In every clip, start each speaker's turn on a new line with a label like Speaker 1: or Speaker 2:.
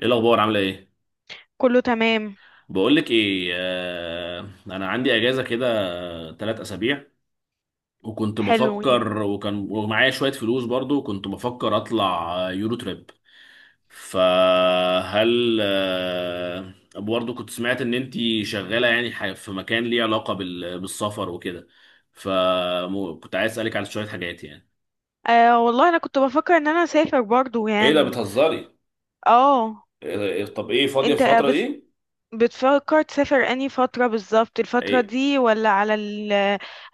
Speaker 1: ايه الاخبار؟ عامله ايه؟
Speaker 2: كله تمام.
Speaker 1: بقول لك ايه. انا عندي اجازه كده، ثلاث اسابيع، وكنت
Speaker 2: حلوين.
Speaker 1: بفكر ومعايا شويه فلوس، برضو كنت بفكر اطلع يورو تريب. فهل برضو كنت سمعت ان انتي شغاله، يعني في مكان ليه علاقه بالسفر وكده، فكنت عايز اسالك على شويه حاجات يعني.
Speaker 2: آه والله انا كنت بفكر ان انا اسافر برضو
Speaker 1: ايه ده؟
Speaker 2: يعني.
Speaker 1: بتهزري؟
Speaker 2: اه،
Speaker 1: طب ايه فاضيه في
Speaker 2: انت
Speaker 1: الفتره دي؟
Speaker 2: بتفكر تسافر انهي فترة بالظبط؟ الفترة دي ولا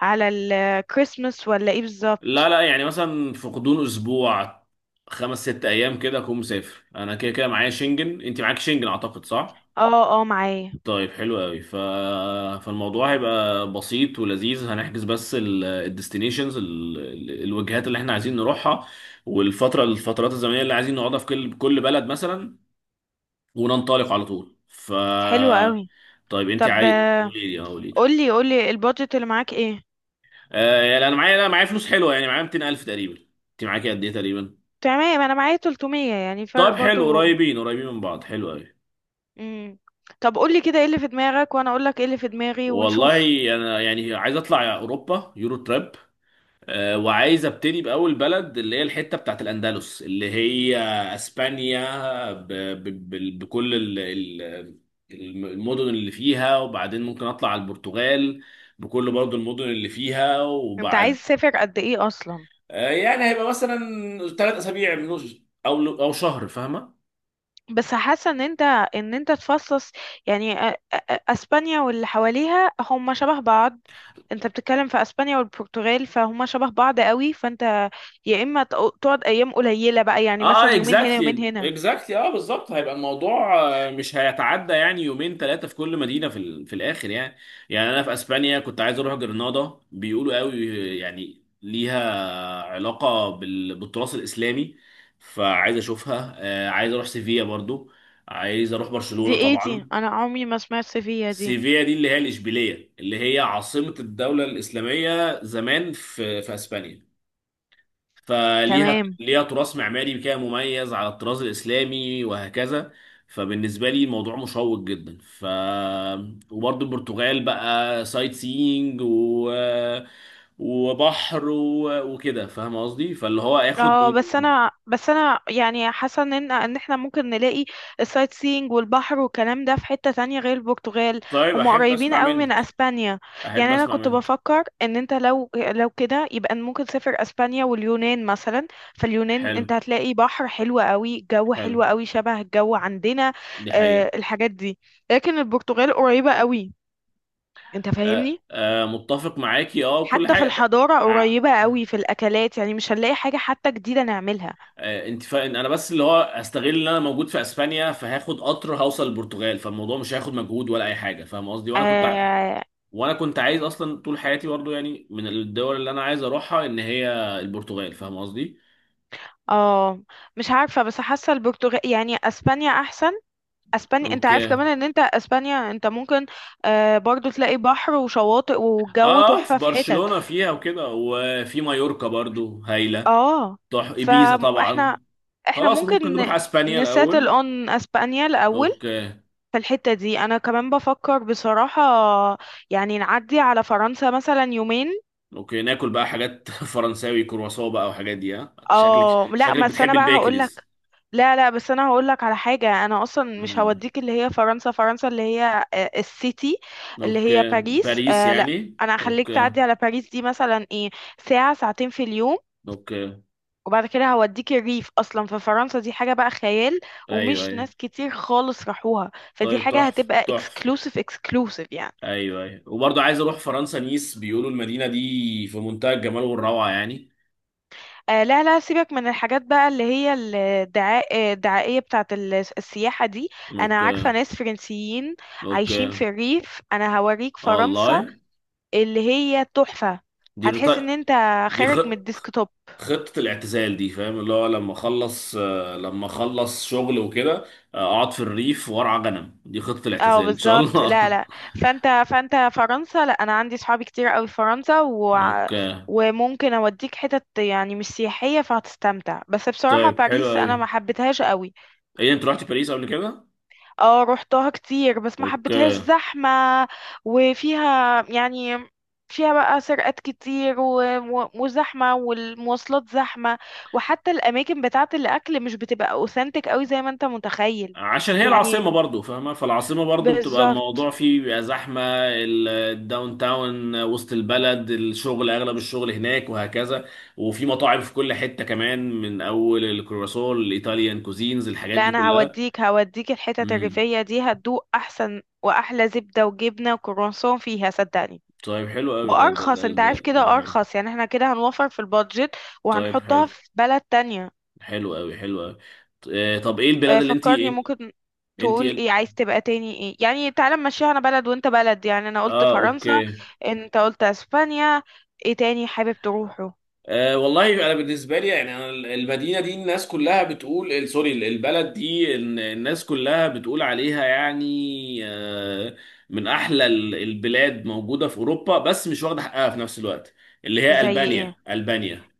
Speaker 2: على الكريسماس ولا ايه
Speaker 1: لا
Speaker 2: بالظبط؟
Speaker 1: لا، يعني مثلا في غضون اسبوع، خمس ست ايام كده اكون مسافر. انا كده كده معايا شنجن، انت معاك شنجن اعتقد، صح؟
Speaker 2: اه اه، معايا.
Speaker 1: طيب، حلو قوي. فالموضوع هيبقى بسيط ولذيذ. هنحجز بس الديستنيشنز، الوجهات اللي احنا عايزين نروحها، والفتره الفترات الزمنيه اللي عايزين نقعدها في كل بلد مثلا، وننطلق على طول.
Speaker 2: حلو قوي.
Speaker 1: طيب انت
Speaker 2: طب
Speaker 1: عايز، قولي لي، اه قولي لي.
Speaker 2: قولي البادجت اللي معاك ايه؟
Speaker 1: يعني انا معايا، لا معايا فلوس حلوه، يعني معايا 200,000 تقريبا. انت معاكي قد ايه تقريبا؟
Speaker 2: تمام، انا معايا 300، يعني فرق
Speaker 1: طب حلو،
Speaker 2: برضو.
Speaker 1: قريبين قريبين من بعض، حلو قوي.
Speaker 2: مم. طب قولي كده ايه اللي في دماغك وانا اقولك ايه اللي في دماغي
Speaker 1: والله
Speaker 2: ونشوف.
Speaker 1: انا يعني عايز اطلع اوروبا، يورو تراب. وعايز ابتدي باول بلد، اللي هي الحته بتاعت الاندلس، اللي هي اسبانيا، ب ب ب بكل ال ال المدن اللي فيها، وبعدين ممكن اطلع على البرتغال بكل برضو المدن اللي فيها.
Speaker 2: انت عايز
Speaker 1: وبعد،
Speaker 2: تسافر قد ايه اصلا؟
Speaker 1: يعني هيبقى مثلا ثلاث اسابيع، من او او شهر، فاهمه؟
Speaker 2: بس حاسه ان انت تفصص، يعني اسبانيا واللي حواليها هم شبه بعض. انت بتتكلم في اسبانيا والبرتغال فهم شبه بعض قوي، فانت يا اما تقعد ايام قليله بقى، يعني مثلا
Speaker 1: اه،
Speaker 2: يومين هنا يومين
Speaker 1: اكزاكتلي
Speaker 2: هنا.
Speaker 1: اكزاكتلي، اه بالظبط هيبقى الموضوع. مش هيتعدى يعني يومين ثلاثه في كل مدينه في الاخر يعني. يعني انا في اسبانيا كنت عايز اروح جرناطه، بيقولوا قوي يعني ليها علاقه بالتراث الاسلامي، فعايز اشوفها. عايز اروح سيفيا برضو، عايز اروح
Speaker 2: دي
Speaker 1: برشلونه
Speaker 2: ايه دي؟
Speaker 1: طبعا.
Speaker 2: انا عمري ما سمعت فيها دي.
Speaker 1: سيفيا دي اللي هي الاشبيليه، اللي هي عاصمه الدوله الاسلاميه زمان في في اسبانيا،
Speaker 2: تمام.
Speaker 1: ليها تراث معماري كده مميز على الطراز الاسلامي، وهكذا. فبالنسبه لي الموضوع مشوق جدا. وبرضه البرتغال بقى، سايت سينج وبحر وكده، فاهم قصدي؟ فاللي هو اخد
Speaker 2: اه
Speaker 1: من،
Speaker 2: بس انا بس انا يعني حاسه ان احنا ممكن نلاقي السايت سينج والبحر والكلام ده في حته تانية غير البرتغال.
Speaker 1: طيب
Speaker 2: هم
Speaker 1: احب
Speaker 2: قريبين
Speaker 1: اسمع
Speaker 2: قوي من
Speaker 1: منك،
Speaker 2: اسبانيا.
Speaker 1: احب
Speaker 2: يعني انا
Speaker 1: اسمع
Speaker 2: كنت
Speaker 1: منك.
Speaker 2: بفكر ان انت لو كده يبقى ممكن تسافر اسبانيا واليونان مثلا. فاليونان
Speaker 1: حلو،
Speaker 2: انت هتلاقي بحر حلو قوي، جو
Speaker 1: حلو،
Speaker 2: حلو قوي، شبه الجو عندنا.
Speaker 1: دي حقيقه.
Speaker 2: آه الحاجات دي، لكن البرتغال قريبه قوي، انت
Speaker 1: أه
Speaker 2: فاهمني.
Speaker 1: أه، متفق معاكي، اه كل
Speaker 2: حتى في
Speaker 1: حاجه. ب...
Speaker 2: الحضاره
Speaker 1: آه،
Speaker 2: قريبه قوي، في الاكلات يعني مش هنلاقي حاجه حتى جديده نعملها.
Speaker 1: آه، انت فاهم، انا بس اللي هو استغل ان انا موجود في اسبانيا، فهاخد قطر هوصل البرتغال، فالموضوع مش هياخد مجهود ولا اي حاجه، فاهم قصدي؟
Speaker 2: آه.
Speaker 1: وانا كنت عايز اصلا طول حياتي، برضو يعني من الدول اللي انا عايز اروحها ان هي البرتغال، فاهم قصدي؟
Speaker 2: اه مش عارفة، بس حاسة البرتغال، يعني اسبانيا احسن. اسبانيا انت
Speaker 1: اوكي.
Speaker 2: عارف كمان ان انت اسبانيا انت ممكن آه برضو تلاقي بحر وشواطئ، والجو
Speaker 1: اه في
Speaker 2: تحفة في حتت.
Speaker 1: برشلونه فيها وكده، وفي مايوركا برضو هايله.
Speaker 2: اه.
Speaker 1: تروح ايبيزا طبعا.
Speaker 2: فاحنا، احنا
Speaker 1: خلاص، ممكن
Speaker 2: ممكن
Speaker 1: نروح اسبانيا
Speaker 2: نساتل
Speaker 1: الاول.
Speaker 2: اون اسبانيا الاول.
Speaker 1: اوكي.
Speaker 2: في الحتة دي انا كمان بفكر بصراحة يعني نعدي على فرنسا مثلا يومين.
Speaker 1: اوكي، ناكل بقى حاجات فرنساوي، كرواسون بقى وحاجات دي، ها؟ شكلك،
Speaker 2: اه لا
Speaker 1: شكلك
Speaker 2: بس
Speaker 1: بتحب
Speaker 2: انا بقى هقولك،
Speaker 1: البيكريز.
Speaker 2: لا لا بس انا هقول لك على حاجه. انا اصلا مش
Speaker 1: امم،
Speaker 2: هوديك اللي هي فرنسا، فرنسا اللي هي السيتي اللي هي
Speaker 1: اوكي،
Speaker 2: باريس.
Speaker 1: باريس
Speaker 2: لا،
Speaker 1: يعني؟
Speaker 2: انا هخليك
Speaker 1: اوكي،
Speaker 2: تعدي على باريس دي مثلا ايه، ساعه ساعتين في اليوم،
Speaker 1: اوكي.
Speaker 2: وبعد كده هوديك الريف، اصلا في فرنسا دي حاجه بقى خيال.
Speaker 1: ايوه
Speaker 2: ومش
Speaker 1: ايوه.
Speaker 2: ناس كتير خالص راحوها، فدي
Speaker 1: طيب،
Speaker 2: حاجه
Speaker 1: تحفه
Speaker 2: هتبقى
Speaker 1: تحفه.
Speaker 2: اكسكلوسيف اكسكلوسيف يعني.
Speaker 1: ايوه ايوه، وبرضه عايز اروح فرنسا نيس، بيقولوا المدينه دي في منتهى الجمال والروعه يعني.
Speaker 2: آه لا لا، سيبك من الحاجات بقى اللي هي الدعاء آه، الدعائية بتاعت السياحة دي. أنا عارفة
Speaker 1: اوكي،
Speaker 2: ناس فرنسيين
Speaker 1: اوكي،
Speaker 2: عايشين في الريف، أنا هوريك فرنسا
Speaker 1: والله.
Speaker 2: اللي هي تحفة.
Speaker 1: دي رط...
Speaker 2: هتحس إن أنت
Speaker 1: دي خ...
Speaker 2: خارج من الديسكتوب.
Speaker 1: خطه الاعتزال دي، فاهم؟ اللي هو لما اخلص، لما اخلص شغل وكده، اقعد في الريف وارعى غنم. دي خطه
Speaker 2: اه
Speaker 1: الاعتزال ان شاء
Speaker 2: بالظبط، لا
Speaker 1: الله.
Speaker 2: لا، فانت فرنسا، لا انا عندي صحابي كتير قوي في فرنسا
Speaker 1: اوكي.
Speaker 2: وممكن اوديك حتت يعني مش سياحية فهتستمتع. بس بصراحة
Speaker 1: طيب حلو
Speaker 2: باريس انا
Speaker 1: قوي.
Speaker 2: ما حبيتهاش قوي.
Speaker 1: ايه، انت رحت باريس قبل كده؟
Speaker 2: اه روحتها كتير بس ما حبيتهاش،
Speaker 1: اوكي.
Speaker 2: زحمة. وفيها يعني، فيها بقى سرقات كتير وزحمة والمواصلات زحمة، وحتى الأماكن بتاعة الأكل مش بتبقى أوثنتك أوي زي ما أنت متخيل.
Speaker 1: عشان هي العاصمة
Speaker 2: يعني،
Speaker 1: برضو، فاهمة؟ فالعاصمة برضو بتبقى
Speaker 2: بالظبط.
Speaker 1: الموضوع فيه بيبقى زحمة. الداون تاون، وسط البلد، الشغل، أغلب الشغل هناك وهكذا، وفي مطاعم في كل حتة كمان، من أول الكرواسون الإيطاليان كوزينز، الحاجات
Speaker 2: لا
Speaker 1: دي
Speaker 2: أنا
Speaker 1: كلها.
Speaker 2: هوديك، هوديك الحتت
Speaker 1: امم.
Speaker 2: الريفية دي هتدوق أحسن وأحلى زبدة وجبنة وكرواسون فيها صدقني.
Speaker 1: طيب حلو قوي،
Speaker 2: وأرخص، أنت عارف كده،
Speaker 1: ده حلو.
Speaker 2: أرخص يعني، احنا كده هنوفر في البادجت،
Speaker 1: طيب
Speaker 2: وهنحطها
Speaker 1: حلو،
Speaker 2: في بلد تانية.
Speaker 1: حلو قوي، حلو قوي. طب إيه البلاد اللي أنت؟
Speaker 2: فكرني ممكن
Speaker 1: أنت إيه
Speaker 2: تقول ايه
Speaker 1: ال-
Speaker 2: عايز تبقى تاني ايه يعني. تعالى نمشيها، انا بلد وانت بلد. يعني انا قلت
Speaker 1: اه
Speaker 2: فرنسا،
Speaker 1: أوكي.
Speaker 2: انت قلت اسبانيا، ايه تاني حابب تروحه؟
Speaker 1: أه والله انا بالنسبه لي، يعني انا المدينه دي الناس كلها بتقول، سوري، البلد دي الناس كلها بتقول عليها يعني، أه، من احلى البلاد موجوده في اوروبا، بس مش واخده حقها في نفس الوقت، اللي هي
Speaker 2: زي ايه؟
Speaker 1: البانيا، البانيا.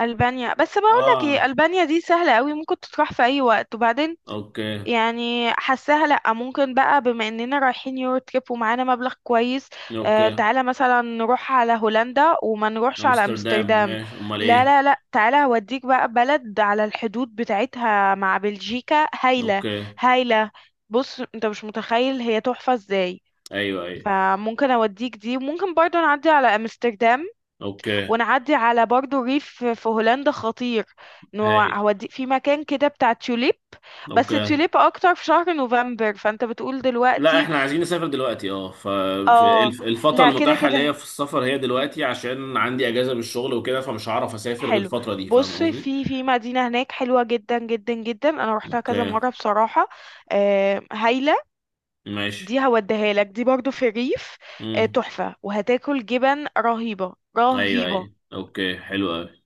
Speaker 2: البانيا، بس بقول لك ايه،
Speaker 1: اه
Speaker 2: البانيا دي سهله قوي ممكن تروح في اي وقت، وبعدين
Speaker 1: اوكي.
Speaker 2: يعني حاساها لأ. ممكن بقى بما إننا رايحين يورو تريب ومعانا مبلغ كويس، آه
Speaker 1: اوكي،
Speaker 2: تعالى مثلا نروح على هولندا وما نروحش على
Speaker 1: امستردام
Speaker 2: أمستردام.
Speaker 1: ماشي، امال
Speaker 2: لا
Speaker 1: ايه؟
Speaker 2: لا لا، تعالى هوديك بقى بلد على الحدود بتاعتها مع بلجيكا هايلة،
Speaker 1: اوكي.
Speaker 2: هايلة. بص، انت مش متخيل هي تحفة ازاي.
Speaker 1: ايوه ايوه.
Speaker 2: فممكن اوديك دي، ممكن برضو نعدي على امستردام،
Speaker 1: اوكي.
Speaker 2: ونعدي على برضو ريف في هولندا خطير، انه
Speaker 1: هايل،
Speaker 2: هودي في مكان كده بتاع توليب. بس
Speaker 1: اوكي.
Speaker 2: توليب اكتر في شهر نوفمبر، فانت بتقول
Speaker 1: لا
Speaker 2: دلوقتي.
Speaker 1: احنا عايزين نسافر دلوقتي، اه،
Speaker 2: اه،
Speaker 1: فالفترة
Speaker 2: لا كده
Speaker 1: المتاحة ليا
Speaker 2: كده
Speaker 1: في السفر هي دلوقتي، عشان عندي اجازة من الشغل وكده، فمش هعرف اسافر غير
Speaker 2: حلو.
Speaker 1: الفترة دي، فاهم
Speaker 2: بص،
Speaker 1: قصدي؟
Speaker 2: في في مدينة هناك حلوة جدا جدا جدا، انا روحتها
Speaker 1: اوكي.
Speaker 2: كذا مرة بصراحة. آه هايلة.
Speaker 1: ماشي.
Speaker 2: دي هوديها لك، دي برضو في الريف. آه
Speaker 1: امم.
Speaker 2: تحفة، وهتاكل جبن رهيبة
Speaker 1: ايوه
Speaker 2: رهيبة.
Speaker 1: ايوه، اوكي حلو قوي.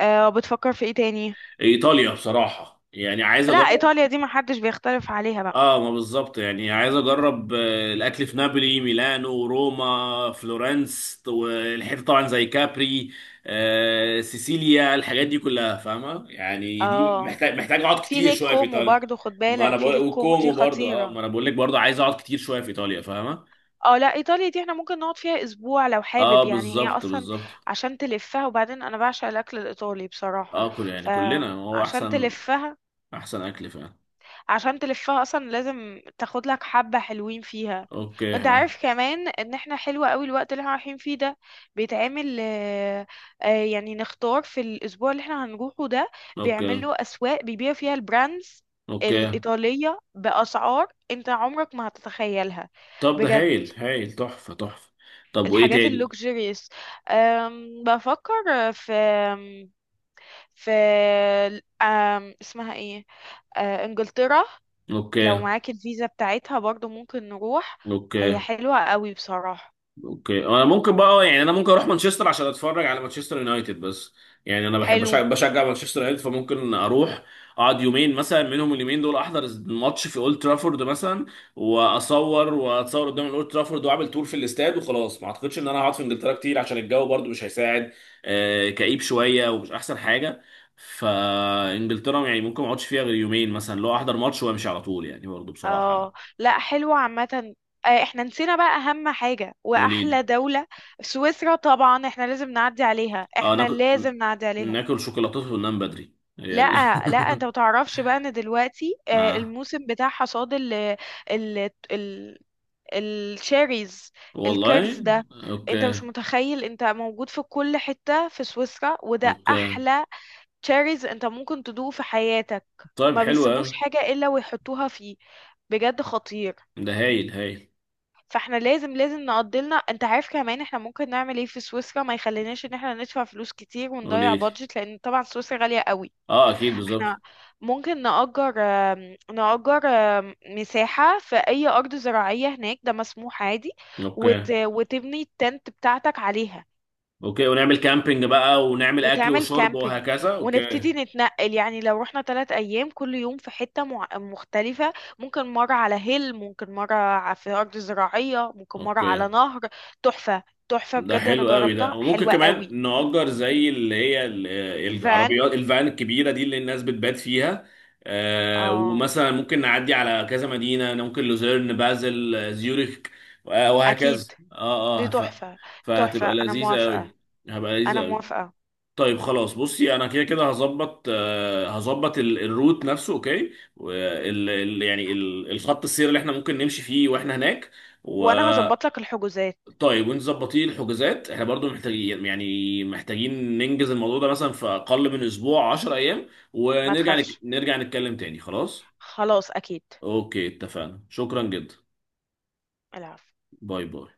Speaker 2: آه، بتفكر في ايه تاني؟
Speaker 1: ايطاليا بصراحة، يعني عايز
Speaker 2: لا
Speaker 1: اجرب.
Speaker 2: ايطاليا دي محدش بيختلف عليها بقى.
Speaker 1: اه ما بالظبط، يعني عايز اجرب الاكل في نابولي، ميلانو، روما، فلورنس، والحته طبعا زي كابري، سيسيليا، الحاجات دي كلها، فاهمه؟ يعني دي
Speaker 2: اه
Speaker 1: محتاج، محتاج اقعد
Speaker 2: في
Speaker 1: كتير
Speaker 2: ليك
Speaker 1: شويه في
Speaker 2: كومو
Speaker 1: ايطاليا.
Speaker 2: برضو خد
Speaker 1: ما انا
Speaker 2: بالك، في
Speaker 1: بقول
Speaker 2: ليك كومو دي
Speaker 1: وكومو برضه، اه
Speaker 2: خطيرة.
Speaker 1: ما انا بقول لك برضه عايز اقعد كتير شويه في ايطاليا، فاهمه؟
Speaker 2: اه لا ايطاليا دي احنا ممكن نقعد فيها اسبوع لو
Speaker 1: اه
Speaker 2: حابب، يعني هي
Speaker 1: بالظبط،
Speaker 2: اصلا
Speaker 1: بالظبط.
Speaker 2: عشان تلفها. وبعدين انا بعشق الاكل الايطالي بصراحة.
Speaker 1: اه كل يعني، كلنا هو
Speaker 2: فعشان
Speaker 1: احسن،
Speaker 2: تلفها،
Speaker 1: احسن اكل فعلا.
Speaker 2: عشان تلفها اصلا لازم تاخد لك حبة حلوين فيها.
Speaker 1: اوكي،
Speaker 2: وانت
Speaker 1: ها؟
Speaker 2: عارف كمان ان احنا حلوة قوي الوقت اللي احنا رايحين فيه ده، بيتعمل يعني نختار في الاسبوع اللي احنا هنروحه ده،
Speaker 1: اوكي.
Speaker 2: بيعملوا اسواق بيبيعوا فيها البراندز
Speaker 1: اوكي.
Speaker 2: الإيطالية بأسعار انت عمرك ما هتتخيلها،
Speaker 1: طب ده
Speaker 2: بجد،
Speaker 1: هايل هايل، تحفه تحفه. طب وايه
Speaker 2: الحاجات
Speaker 1: تاني؟
Speaker 2: اللوكسجريس. بفكر في في اسمها ايه، انجلترا. لو
Speaker 1: اوكي.
Speaker 2: معاك الفيزا بتاعتها برضو ممكن نروح. هي
Speaker 1: اوكي.
Speaker 2: حلوة قوي بصراحة.
Speaker 1: اوكي. انا ممكن بقى، يعني انا ممكن اروح مانشستر عشان اتفرج على مانشستر يونايتد، بس يعني انا بحب
Speaker 2: حلو.
Speaker 1: بشجع مانشستر يونايتد، فممكن اروح اقعد يومين مثلا، منهم اليومين دول احضر الماتش في اولد ترافورد مثلا، واصور واتصور قدام الاولد ترافورد، واعمل تور في الاستاد، وخلاص. ما اعتقدش ان انا هقعد في انجلترا كتير، عشان الجو برضو مش هيساعد، كئيب شويه ومش احسن حاجه، فانجلترا يعني ممكن ما اقعدش فيها غير يومين مثلا، لو احضر ماتش وامشي على طول، يعني برضو بصراحه يعني.
Speaker 2: اه لا حلوة عامة. احنا نسينا بقى اهم حاجة
Speaker 1: تقول
Speaker 2: واحلى
Speaker 1: ايه؟
Speaker 2: دولة: سويسرا. طبعا احنا لازم نعدي عليها،
Speaker 1: اه،
Speaker 2: احنا
Speaker 1: ناكل،
Speaker 2: لازم نعدي عليها.
Speaker 1: ناكل شوكولاتات وننام بدري،
Speaker 2: لا لا، انت متعرفش بقى ان دلوقتي
Speaker 1: اه
Speaker 2: الموسم بتاع حصاد ال ال ال الشيريز، الكيرز
Speaker 1: والله.
Speaker 2: ده. انت مش
Speaker 1: اوكي.
Speaker 2: متخيل، انت موجود في كل حتة في سويسرا وده
Speaker 1: اوكي.
Speaker 2: احلى تشاريز انت ممكن تدوقه في حياتك.
Speaker 1: طيب
Speaker 2: ما
Speaker 1: حلو
Speaker 2: بيسيبوش
Speaker 1: قوي،
Speaker 2: حاجة الا ويحطوها فيه، بجد خطير.
Speaker 1: ده هايل هايل.
Speaker 2: فاحنا لازم لازم نقضلنا. انت عارف كمان احنا ممكن نعمل ايه في سويسرا ما يخليناش ان احنا ندفع فلوس كتير ونضيع
Speaker 1: قولي لي.
Speaker 2: بادجت، لان طبعا سويسرا غالية قوي.
Speaker 1: اه اكيد،
Speaker 2: احنا
Speaker 1: بالظبط.
Speaker 2: ممكن نأجر نأجر مساحة في اي ارض زراعية هناك، ده مسموح عادي.
Speaker 1: اوكي.
Speaker 2: وتبني التنت بتاعتك عليها،
Speaker 1: اوكي، ونعمل كامبينج بقى، ونعمل اكل
Speaker 2: وتعمل
Speaker 1: وشرب
Speaker 2: كامبينج،
Speaker 1: وهكذا، اوكي.
Speaker 2: ونبتدي نتنقل. يعني لو رحنا 3 أيام كل يوم في حتة مختلفة، ممكن مرة على هيل، ممكن مرة في أرض زراعية، ممكن مرة
Speaker 1: اوكي.
Speaker 2: على نهر. تحفة، تحفة
Speaker 1: ده
Speaker 2: بجد، أنا
Speaker 1: حلو قوي
Speaker 2: جربتها
Speaker 1: ده، وممكن
Speaker 2: حلوة قوي.
Speaker 1: كمان نأجر زي اللي هي
Speaker 2: الفان.
Speaker 1: العربيات، الفان الكبيرة دي اللي الناس بتبات فيها،
Speaker 2: اه
Speaker 1: ومثلا ممكن نعدي على كذا مدينة، ممكن لوزيرن، بازل، زيوريك، وهكذا.
Speaker 2: أكيد
Speaker 1: اه
Speaker 2: دي
Speaker 1: اه.
Speaker 2: تحفة، تحفة،
Speaker 1: فهتبقى
Speaker 2: أنا
Speaker 1: لذيذة
Speaker 2: موافقة،
Speaker 1: قوي، هبقى لذيذة
Speaker 2: أنا
Speaker 1: قوي.
Speaker 2: موافقة.
Speaker 1: طيب خلاص، بصي انا كده كده هظبط، هظبط الروت نفسه، اوكي، يعني الخط السير اللي احنا ممكن نمشي فيه واحنا هناك.
Speaker 2: وأنا هظبط لك الحجوزات.
Speaker 1: طيب، وانتوا ظبطين الحجوزات، احنا برضو محتاجين، يعني محتاجين ننجز الموضوع ده مثلا في اقل من اسبوع، 10 ايام،
Speaker 2: ما
Speaker 1: ونرجع
Speaker 2: تخافش،
Speaker 1: نرجع نتكلم تاني، خلاص.
Speaker 2: خلاص أكيد.
Speaker 1: اوكي، اتفقنا، شكرا جدا.
Speaker 2: العفو.
Speaker 1: باي باي.